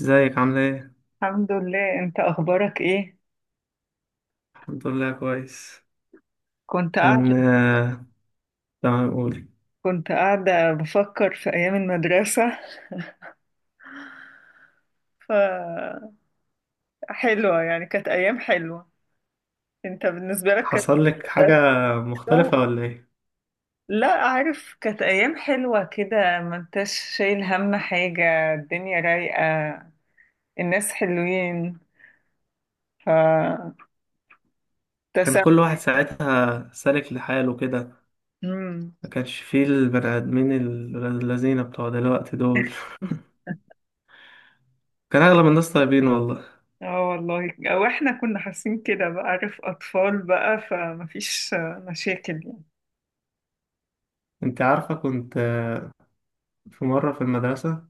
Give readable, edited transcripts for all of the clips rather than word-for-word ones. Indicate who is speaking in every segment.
Speaker 1: ازيك، عاملة ايه؟
Speaker 2: الحمد لله، انت اخبارك ايه؟
Speaker 1: الحمد لله كويس.
Speaker 2: كنت
Speaker 1: كان
Speaker 2: قاعده
Speaker 1: آه، تمام، قولي.
Speaker 2: كنت قاعده بفكر في ايام المدرسه. ف حلوه، يعني كانت ايام حلوه. انت بالنسبه لك كانت
Speaker 1: حصل لك
Speaker 2: أيام
Speaker 1: حاجة
Speaker 2: حلوه.
Speaker 1: مختلفة ولا ايه؟
Speaker 2: لا، عارف كانت ايام حلوه كده، ما انتش شايل هم حاجه، الدنيا رايقه، الناس حلوين. ف
Speaker 1: كان كل
Speaker 2: تسامح.
Speaker 1: واحد ساعتها سالك لحاله كده.
Speaker 2: مم.
Speaker 1: ما كانش فيه البني آدمين الذين بتوع دلوقتي دول. كان أغلب الناس طيبين والله.
Speaker 2: اه والله، او احنا كنا حاسين كده بقى، عارف، اطفال بقى فمفيش مشاكل يعني.
Speaker 1: انت عارفة، كنت في مرة في المدرسة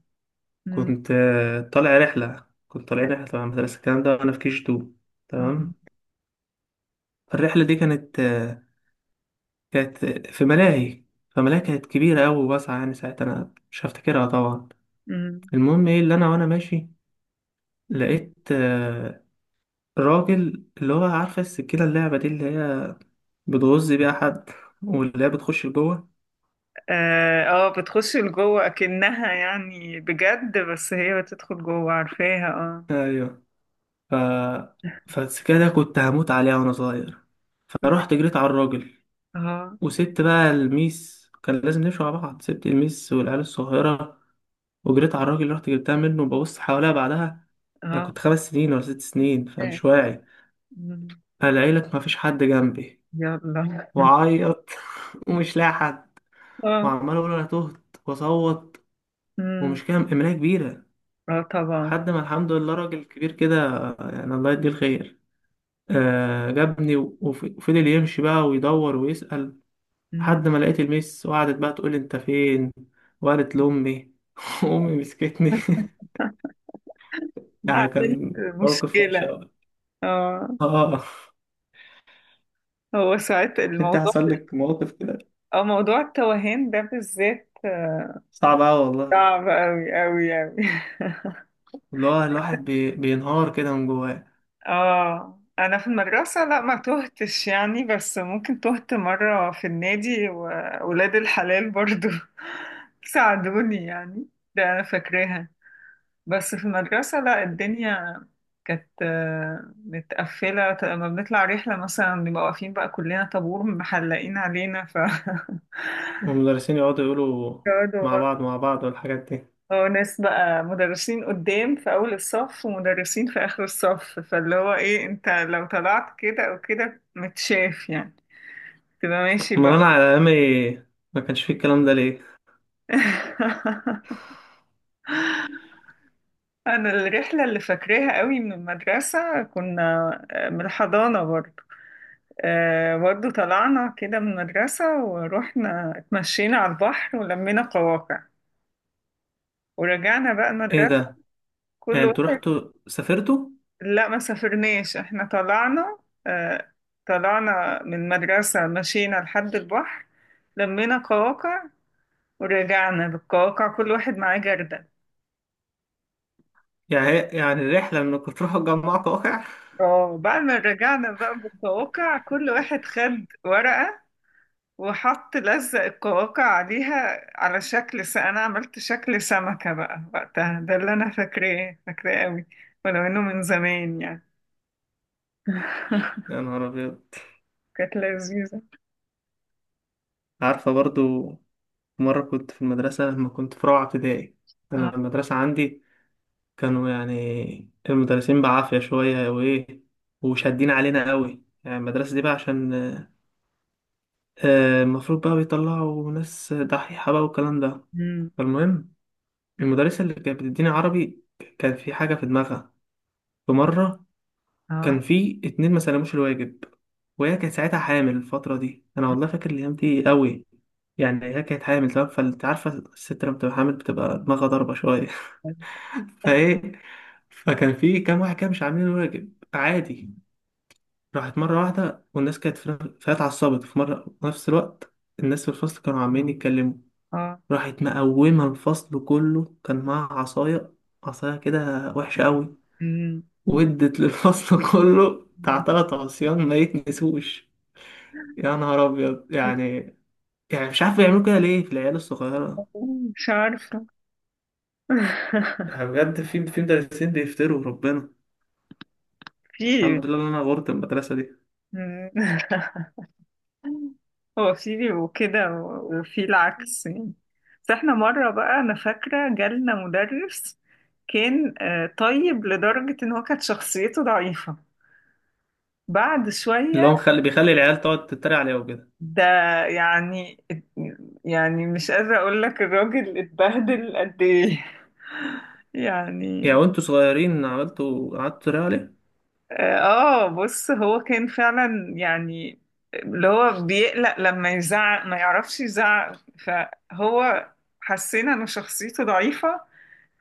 Speaker 2: مم.
Speaker 1: كنت طالع رحلة، كنت طالعين رحلة تبع المدرسة الكلام ده، وأنا في كيش تو،
Speaker 2: اه.
Speaker 1: تمام. الرحلة دي كانت في ملاهي. فملاهي كانت كبيرة أوي، واسعة يعني، ساعتها أنا مش هفتكرها طبعا.
Speaker 2: مم.
Speaker 1: المهم إيه اللي أنا، وأنا ماشي لقيت راجل، اللي هو عارفة السكينة، اللعبة دي اللي هي بتغز بيها حد واللي هي بتخش لجوه.
Speaker 2: اه، بتخش لجوه اكنها يعني بجد، بس هي بتدخل جوه، عارفاها، اه.
Speaker 1: أيوه. ف... فالسكينة دي كنت هموت عليها وأنا صغير، فرحت جريت على الراجل
Speaker 2: اه
Speaker 1: وسبت بقى الميس، كان لازم نمشي مع بعض، سبت الميس والعيال الصغيرة وجريت على الراجل، رحت جبتها منه وببص حواليها بعدها. أنا
Speaker 2: اه.
Speaker 1: كنت 5 سنين ولا 6 سنين،
Speaker 2: آه.
Speaker 1: فمش واعي.
Speaker 2: مم.
Speaker 1: فلقيلك مفيش حد جنبي،
Speaker 2: يلا.
Speaker 1: وعيط. ومش لاقي حد،
Speaker 2: اه.
Speaker 1: وعمال اقول انا تهت واصوت،
Speaker 2: مم.
Speaker 1: ومش كام املاء كبيره.
Speaker 2: اه، طبعا.
Speaker 1: لحد ما الحمد لله راجل كبير كده، يعني الله يديه الخير، جابني وفضل يمشي بقى ويدور ويسأل،
Speaker 2: مم.
Speaker 1: لحد ما لقيت الميس، وقعدت بقى تقول لي انت فين، وقالت لامي. امي مسكتني. يعني
Speaker 2: عملت
Speaker 1: كان موقف وحش
Speaker 2: مشكلة.
Speaker 1: قوي.
Speaker 2: اه.
Speaker 1: اه.
Speaker 2: هو ساعات
Speaker 1: انت
Speaker 2: الموضوع،
Speaker 1: حصل لك مواقف كده؟
Speaker 2: اه موضوع التوهان ده بالذات،
Speaker 1: صعب قوي والله.
Speaker 2: صعب اوي اوي اوي.
Speaker 1: اللي هو الواحد بينهار كده من جواه.
Speaker 2: اه، انا في المدرسة لا ما تهتش يعني، بس ممكن تهت مرة في النادي، وولاد الحلال برضو ساعدوني يعني. ده انا فاكراها. بس في المدرسة لا، الدنيا كانت متقفلة، لما بنطلع رحلة مثلا بنبقى واقفين بقى كلنا طابور محلقين علينا.
Speaker 1: والمدرسين يقعدوا يقولوا
Speaker 2: يقعدوا
Speaker 1: مع
Speaker 2: بقى.
Speaker 1: بعض، مع بعض، والحاجات دي.
Speaker 2: اه ناس بقى مدرسين قدام في أول الصف، ومدرسين في آخر الصف، فاللي هو ايه، انت لو طلعت كده او كده متشاف يعني، تبقى ماشي
Speaker 1: امال
Speaker 2: بقى.
Speaker 1: انا على ايامي ما كانش فيه الكلام ده، ليه؟
Speaker 2: انا الرحله اللي فاكراها قوي من المدرسه، كنا من الحضانه برضه. برضه طلعنا كده من المدرسه، ورحنا اتمشينا على البحر، ولمينا قواقع، ورجعنا بقى
Speaker 1: ايه
Speaker 2: المدرسه.
Speaker 1: ده؟
Speaker 2: كل
Speaker 1: يعني انتوا
Speaker 2: واحد.
Speaker 1: رحتوا سافرتوا؟
Speaker 2: لا، ما سافرناش، احنا طلعنا. آه، طلعنا من المدرسه، مشينا لحد البحر، لمينا قواقع، ورجعنا بالقواقع، كل واحد معاه جردل.
Speaker 1: يعني الرحله انكم تروحوا تجمعوا واقع؟
Speaker 2: اه، بعد ما رجعنا بقى بالقواقع كل واحد خد ورقة، وحط لزق القواقع عليها على شكل انا عملت شكل سمكة بقى وقتها، ده اللي انا فاكراه فاكراه قوي، ولو انه من زمان يعني.
Speaker 1: يا نهار ابيض.
Speaker 2: كانت لذيذة.
Speaker 1: عارفه برضو. مره كنت في المدرسه لما كنت في رابعه ابتدائي.
Speaker 2: اه.
Speaker 1: انا المدرسه عندي كانوا يعني المدرسين بعافيه شويه وايه، وشادين علينا قوي، يعني المدرسه دي بقى عشان المفروض بقى بيطلعوا ناس دحيحه بقى والكلام ده.
Speaker 2: مم.
Speaker 1: فالمهم، المدرسة اللي كانت بتديني عربي كان في حاجة في دماغها. في مرة كان
Speaker 2: اه
Speaker 1: في اتنين ما سلموش الواجب، وهي كانت ساعتها حامل. الفترة دي أنا والله فاكر الأيام دي قوي، يعني هي كانت حامل، تمام، فأنت عارفة الست لما بتبقى حامل بتبقى دماغها ضاربة شوية. فإيه، فكان في كام واحد كده مش عاملين الواجب عادي. راحت مرة واحدة، والناس كانت فهي اتعصبت في مرة، في نفس الوقت الناس في الفصل كانوا عمالين يتكلموا.
Speaker 2: اه.
Speaker 1: راحت مقومة الفصل كله، كان معاها عصاية، عصاية كده وحشة قوي.
Speaker 2: مم.
Speaker 1: ودت للفصل كله بتاع 3 عصيان ما يتنسوش. يا نهار أبيض يعني. يعني مش عارف يعملوا كده ليه في العيال الصغيرة.
Speaker 2: مش عارفة.
Speaker 1: يعني بجد، في مدرسين بيفتروا ربنا.
Speaker 2: في.
Speaker 1: الحمد لله إن أنا غورت المدرسة دي.
Speaker 2: مم. هو في بيبقوا كده وفي العكس يعني. بس احنا مرة بقى أنا فاكرة جالنا مدرس، كان طيب لدرجة إن هو كانت شخصيته ضعيفة بعد
Speaker 1: اللي
Speaker 2: شوية.
Speaker 1: هو بيخلي العيال تقعد تتريق عليه وكده.
Speaker 2: ده، يعني، يعني مش قادرة أقول لك الراجل اتبهدل قد إيه.
Speaker 1: يعني
Speaker 2: يعني.
Speaker 1: وأنتوا صغيرين قعدتوا تتريقوا عليه.
Speaker 2: اه، بص هو كان فعلا يعني، اللي هو بيقلق لما يزعق ما يعرفش يزعق، فهو حسينا إن شخصيته ضعيفة،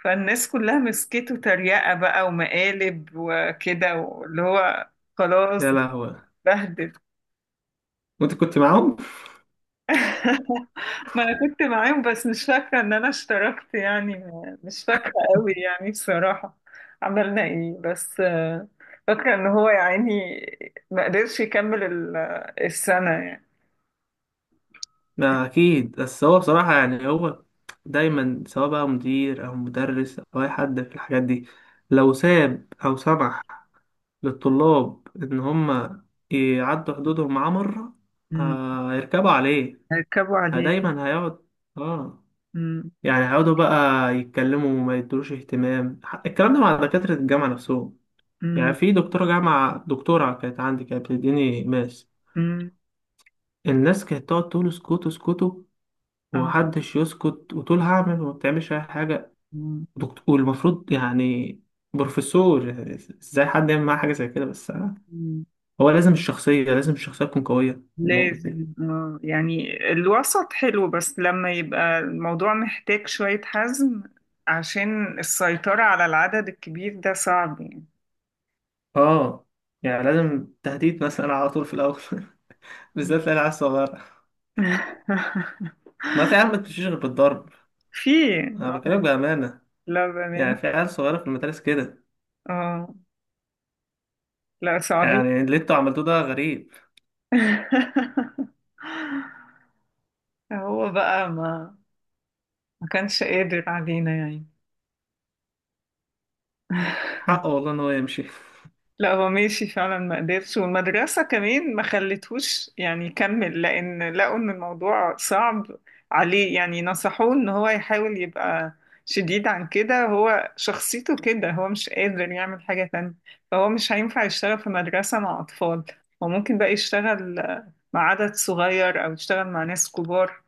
Speaker 2: فالناس كلها مسكته تريقة بقى ومقالب وكده، واللي هو
Speaker 1: يا
Speaker 2: خلاص
Speaker 1: لهوي.
Speaker 2: بهدل.
Speaker 1: وأنت كنت معاهم؟
Speaker 2: ما انا كنت معاهم، بس مش فاكرة ان انا اشتركت يعني، مش فاكرة قوي يعني بصراحة. عملنا ايه بس، فاكرة ان هو يعني ما قدرش يكمل السنة يعني.
Speaker 1: ما أكيد، بس هو بصراحة، يعني هو دايما سواء بقى مدير أو مدرس أو أي حد في الحاجات دي، لو ساب أو سمح للطلاب إن هم يعدوا حدودهم معاه مرة،
Speaker 2: مم.
Speaker 1: هيركبوا عليه.
Speaker 2: ركبوا عليه.
Speaker 1: دايما هيقعد، اه،
Speaker 2: مم.
Speaker 1: يعني هيقعدوا بقى يتكلموا وما يدروش اهتمام. الكلام ده مع دكاترة الجامعة نفسهم. يعني
Speaker 2: مم.
Speaker 1: في دكتورة جامعة، دكتورة كانت عندي، كانت بتديني ماس،
Speaker 2: مم.
Speaker 1: الناس كانت تقعد تقول اسكتوا، اسكتوا،
Speaker 2: آه.
Speaker 1: ومحدش يسكت، وتقول هعمل وما بتعملش أي حاجة. دكتور، والمفروض يعني بروفيسور، يعني ازاي حد يعمل معاه حاجة زي كده؟ بس
Speaker 2: مم.
Speaker 1: هو لازم الشخصية تكون قوية في المواقف دي.
Speaker 2: لازم يعني الوسط حلو، بس لما يبقى الموضوع محتاج شوية حزم عشان السيطرة على العدد الكبير، ده صعب يعني.
Speaker 1: اه، يعني لازم تهديد مثلا على طول في الأول. بالذات العيال الصغيرة، ما في عيال ما بتمشيش غير بالضرب.
Speaker 2: في.
Speaker 1: أنا
Speaker 2: آه،
Speaker 1: بكلمك بأمانة.
Speaker 2: لا
Speaker 1: يعني
Speaker 2: بأمانة.
Speaker 1: في عيال صغيرة في المدارس كده.
Speaker 2: اه. لا صعبين.
Speaker 1: يعني اللي انتوا عملتوه ده غريب.
Speaker 2: هو بقى ما كانش قادر علينا يعني.
Speaker 1: حقه والله إن هو يمشي.
Speaker 2: لا، هو ماشي فعلا ما قدرش، والمدرسة كمان ما خلتهوش يعني يكمل، لأن لقوا إن الموضوع صعب عليه، يعني نصحوه إن هو يحاول يبقى شديد. عن كده هو شخصيته كده، هو مش قادر يعمل حاجة تانية، فهو مش هينفع يشتغل في مدرسة مع أطفال. هو ممكن بقى يشتغل مع عدد صغير، أو يشتغل مع ناس كبار،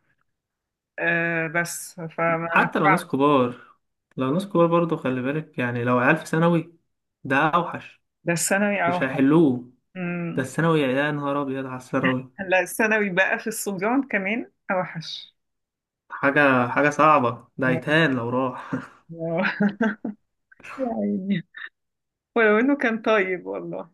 Speaker 2: آه، بس فما
Speaker 1: حتى لو ناس
Speaker 2: نفعش.
Speaker 1: كبار لو ناس كبار برضه خلي بالك، يعني لو عيال في ثانوي ده أوحش.
Speaker 2: ده الثانوي
Speaker 1: مش
Speaker 2: أوحش.
Speaker 1: هيحلوه. ده
Speaker 2: أمم.
Speaker 1: الثانوي، يا نهار أبيض على الثانوي.
Speaker 2: لا، الثانوي بقى في الصبيان كمان أوحش.
Speaker 1: حاجة صعبة، ده يتهان لو راح.
Speaker 2: آه. يا عيني. ولو انه كان طيب والله.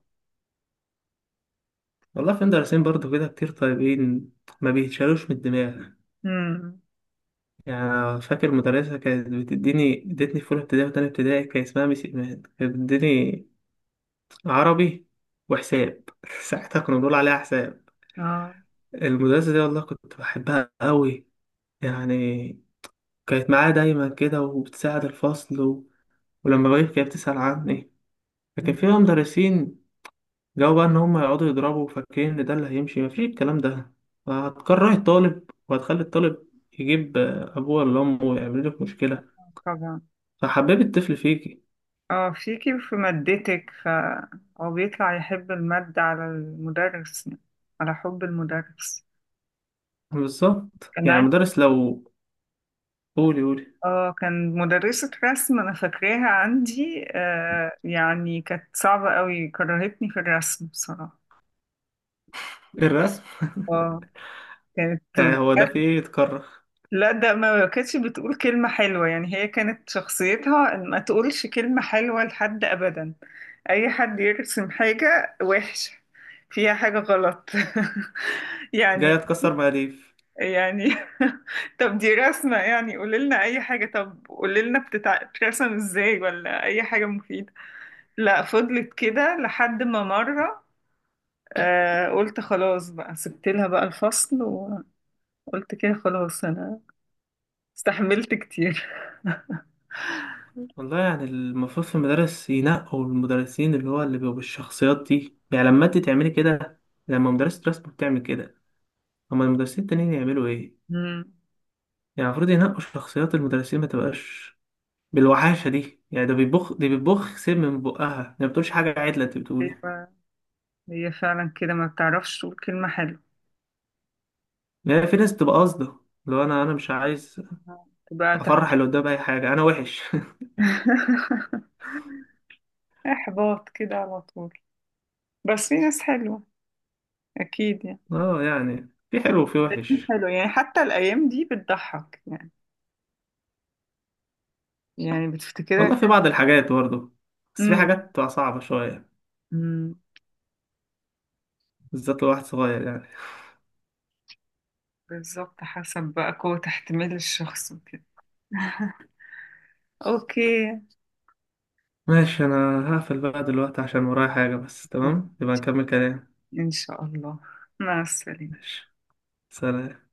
Speaker 1: والله في مدرسين برضه كده كتير طيبين ما بيتشالوش من الدماغ.
Speaker 2: امم.
Speaker 1: يعني فاكر مدرسة كانت بتديني ادتني في أولى ابتدائي وتانية ابتدائي، كان اسمها ميس إيمان، كانت بتديني عربي وحساب. ساعتها كنا بنقول عليها حساب.
Speaker 2: اه.
Speaker 1: المدرسة دي والله كنت بحبها قوي، يعني كانت معايا دايما كده وبتساعد الفصل ولما بغيب كانت بتسأل عني. لكن
Speaker 2: مم.
Speaker 1: في بقى مدرسين جو بقى ان هم يقعدوا يضربوا، فاكرين ان ده اللي هيمشي، مفيش الكلام ده. هتكره الطالب، وهتخلي الطالب يجيب ابوه ولا امه ويعمل لك مشكله.
Speaker 2: طبعا.
Speaker 1: فحببي الطفل فيكي.
Speaker 2: اه، فيكي وفي مادتك، فهو بيطلع يحب المادة على المدرس يعني، على حب المدرس.
Speaker 1: بالظبط،
Speaker 2: كان
Speaker 1: يعني
Speaker 2: عن-
Speaker 1: مدرس لو، قولي قولي.
Speaker 2: اه كان مدرسة رسم، انا فاكراها عندي، يعني كانت صعبة قوي، كرهتني في الرسم بصراحة.
Speaker 1: الرسم؟
Speaker 2: اه. كانت.
Speaker 1: يعني هو ده في ايه يتكرر.
Speaker 2: لا، ده ما كانتش بتقول كلمة حلوة يعني، هي كانت شخصيتها إن ما تقولش كلمة حلوة لحد أبدا، أي حد يرسم حاجة وحشة فيها حاجة غلط. يعني
Speaker 1: جاي اتكسر مقاديف.
Speaker 2: يعني طب دي رسمة يعني قوليلنا أي حاجة، طب قوليلنا بتترسم إزاي، ولا أي حاجة مفيدة. لا، فضلت كده لحد ما مرة، قلت خلاص بقى، سبت لها بقى الفصل، وقلت كده خلاص، أنا استحملت كتير.
Speaker 1: والله يعني المفروض في المدارس ينقوا المدرسين، اللي هو اللي بيبقوا بالشخصيات دي، يعني لما انت تعملي كده، لما مدرسة رسم بتعمل كده، اما المدرسين التانيين يعملوا ايه؟
Speaker 2: مم.
Speaker 1: يعني المفروض ينقوا شخصيات المدرسين، ما تبقاش بالوحاشه دي. يعني ده بيبخ دي بتبخ سم من بقها، ما بتقولش حاجه عدله، انت بتقولي.
Speaker 2: أيوة، هي فعلا كده ما بتعرفش تقول كلمة حلوة.
Speaker 1: يعني في ناس بتبقى قاصده، لو انا مش عايز
Speaker 2: تبقى
Speaker 1: افرح
Speaker 2: تحبيط.
Speaker 1: اللي قدام، اي حاجه انا وحش.
Speaker 2: إحباط كده على طول. بس في ناس حلوة أكيد يعني.
Speaker 1: اه، يعني في حلو وفي وحش.
Speaker 2: حلو يعني، حتى الأيام دي بتضحك يعني بتفتكرك.
Speaker 1: والله في بعض الحاجات برضه، بس في
Speaker 2: امم.
Speaker 1: حاجات بتبقى صعبه شويه.
Speaker 2: أمم،
Speaker 1: بالذات لو واحد صغير يعني.
Speaker 2: بالظبط، حسب بقى قوة احتمال الشخص وكده. أوكي.
Speaker 1: ماشي، انا هقفل بقى دلوقتي عشان ورايا حاجه، بس تمام يبقى نكمل كلام.
Speaker 2: إن شاء الله. مع السلامة.
Speaker 1: ماشي، سلام.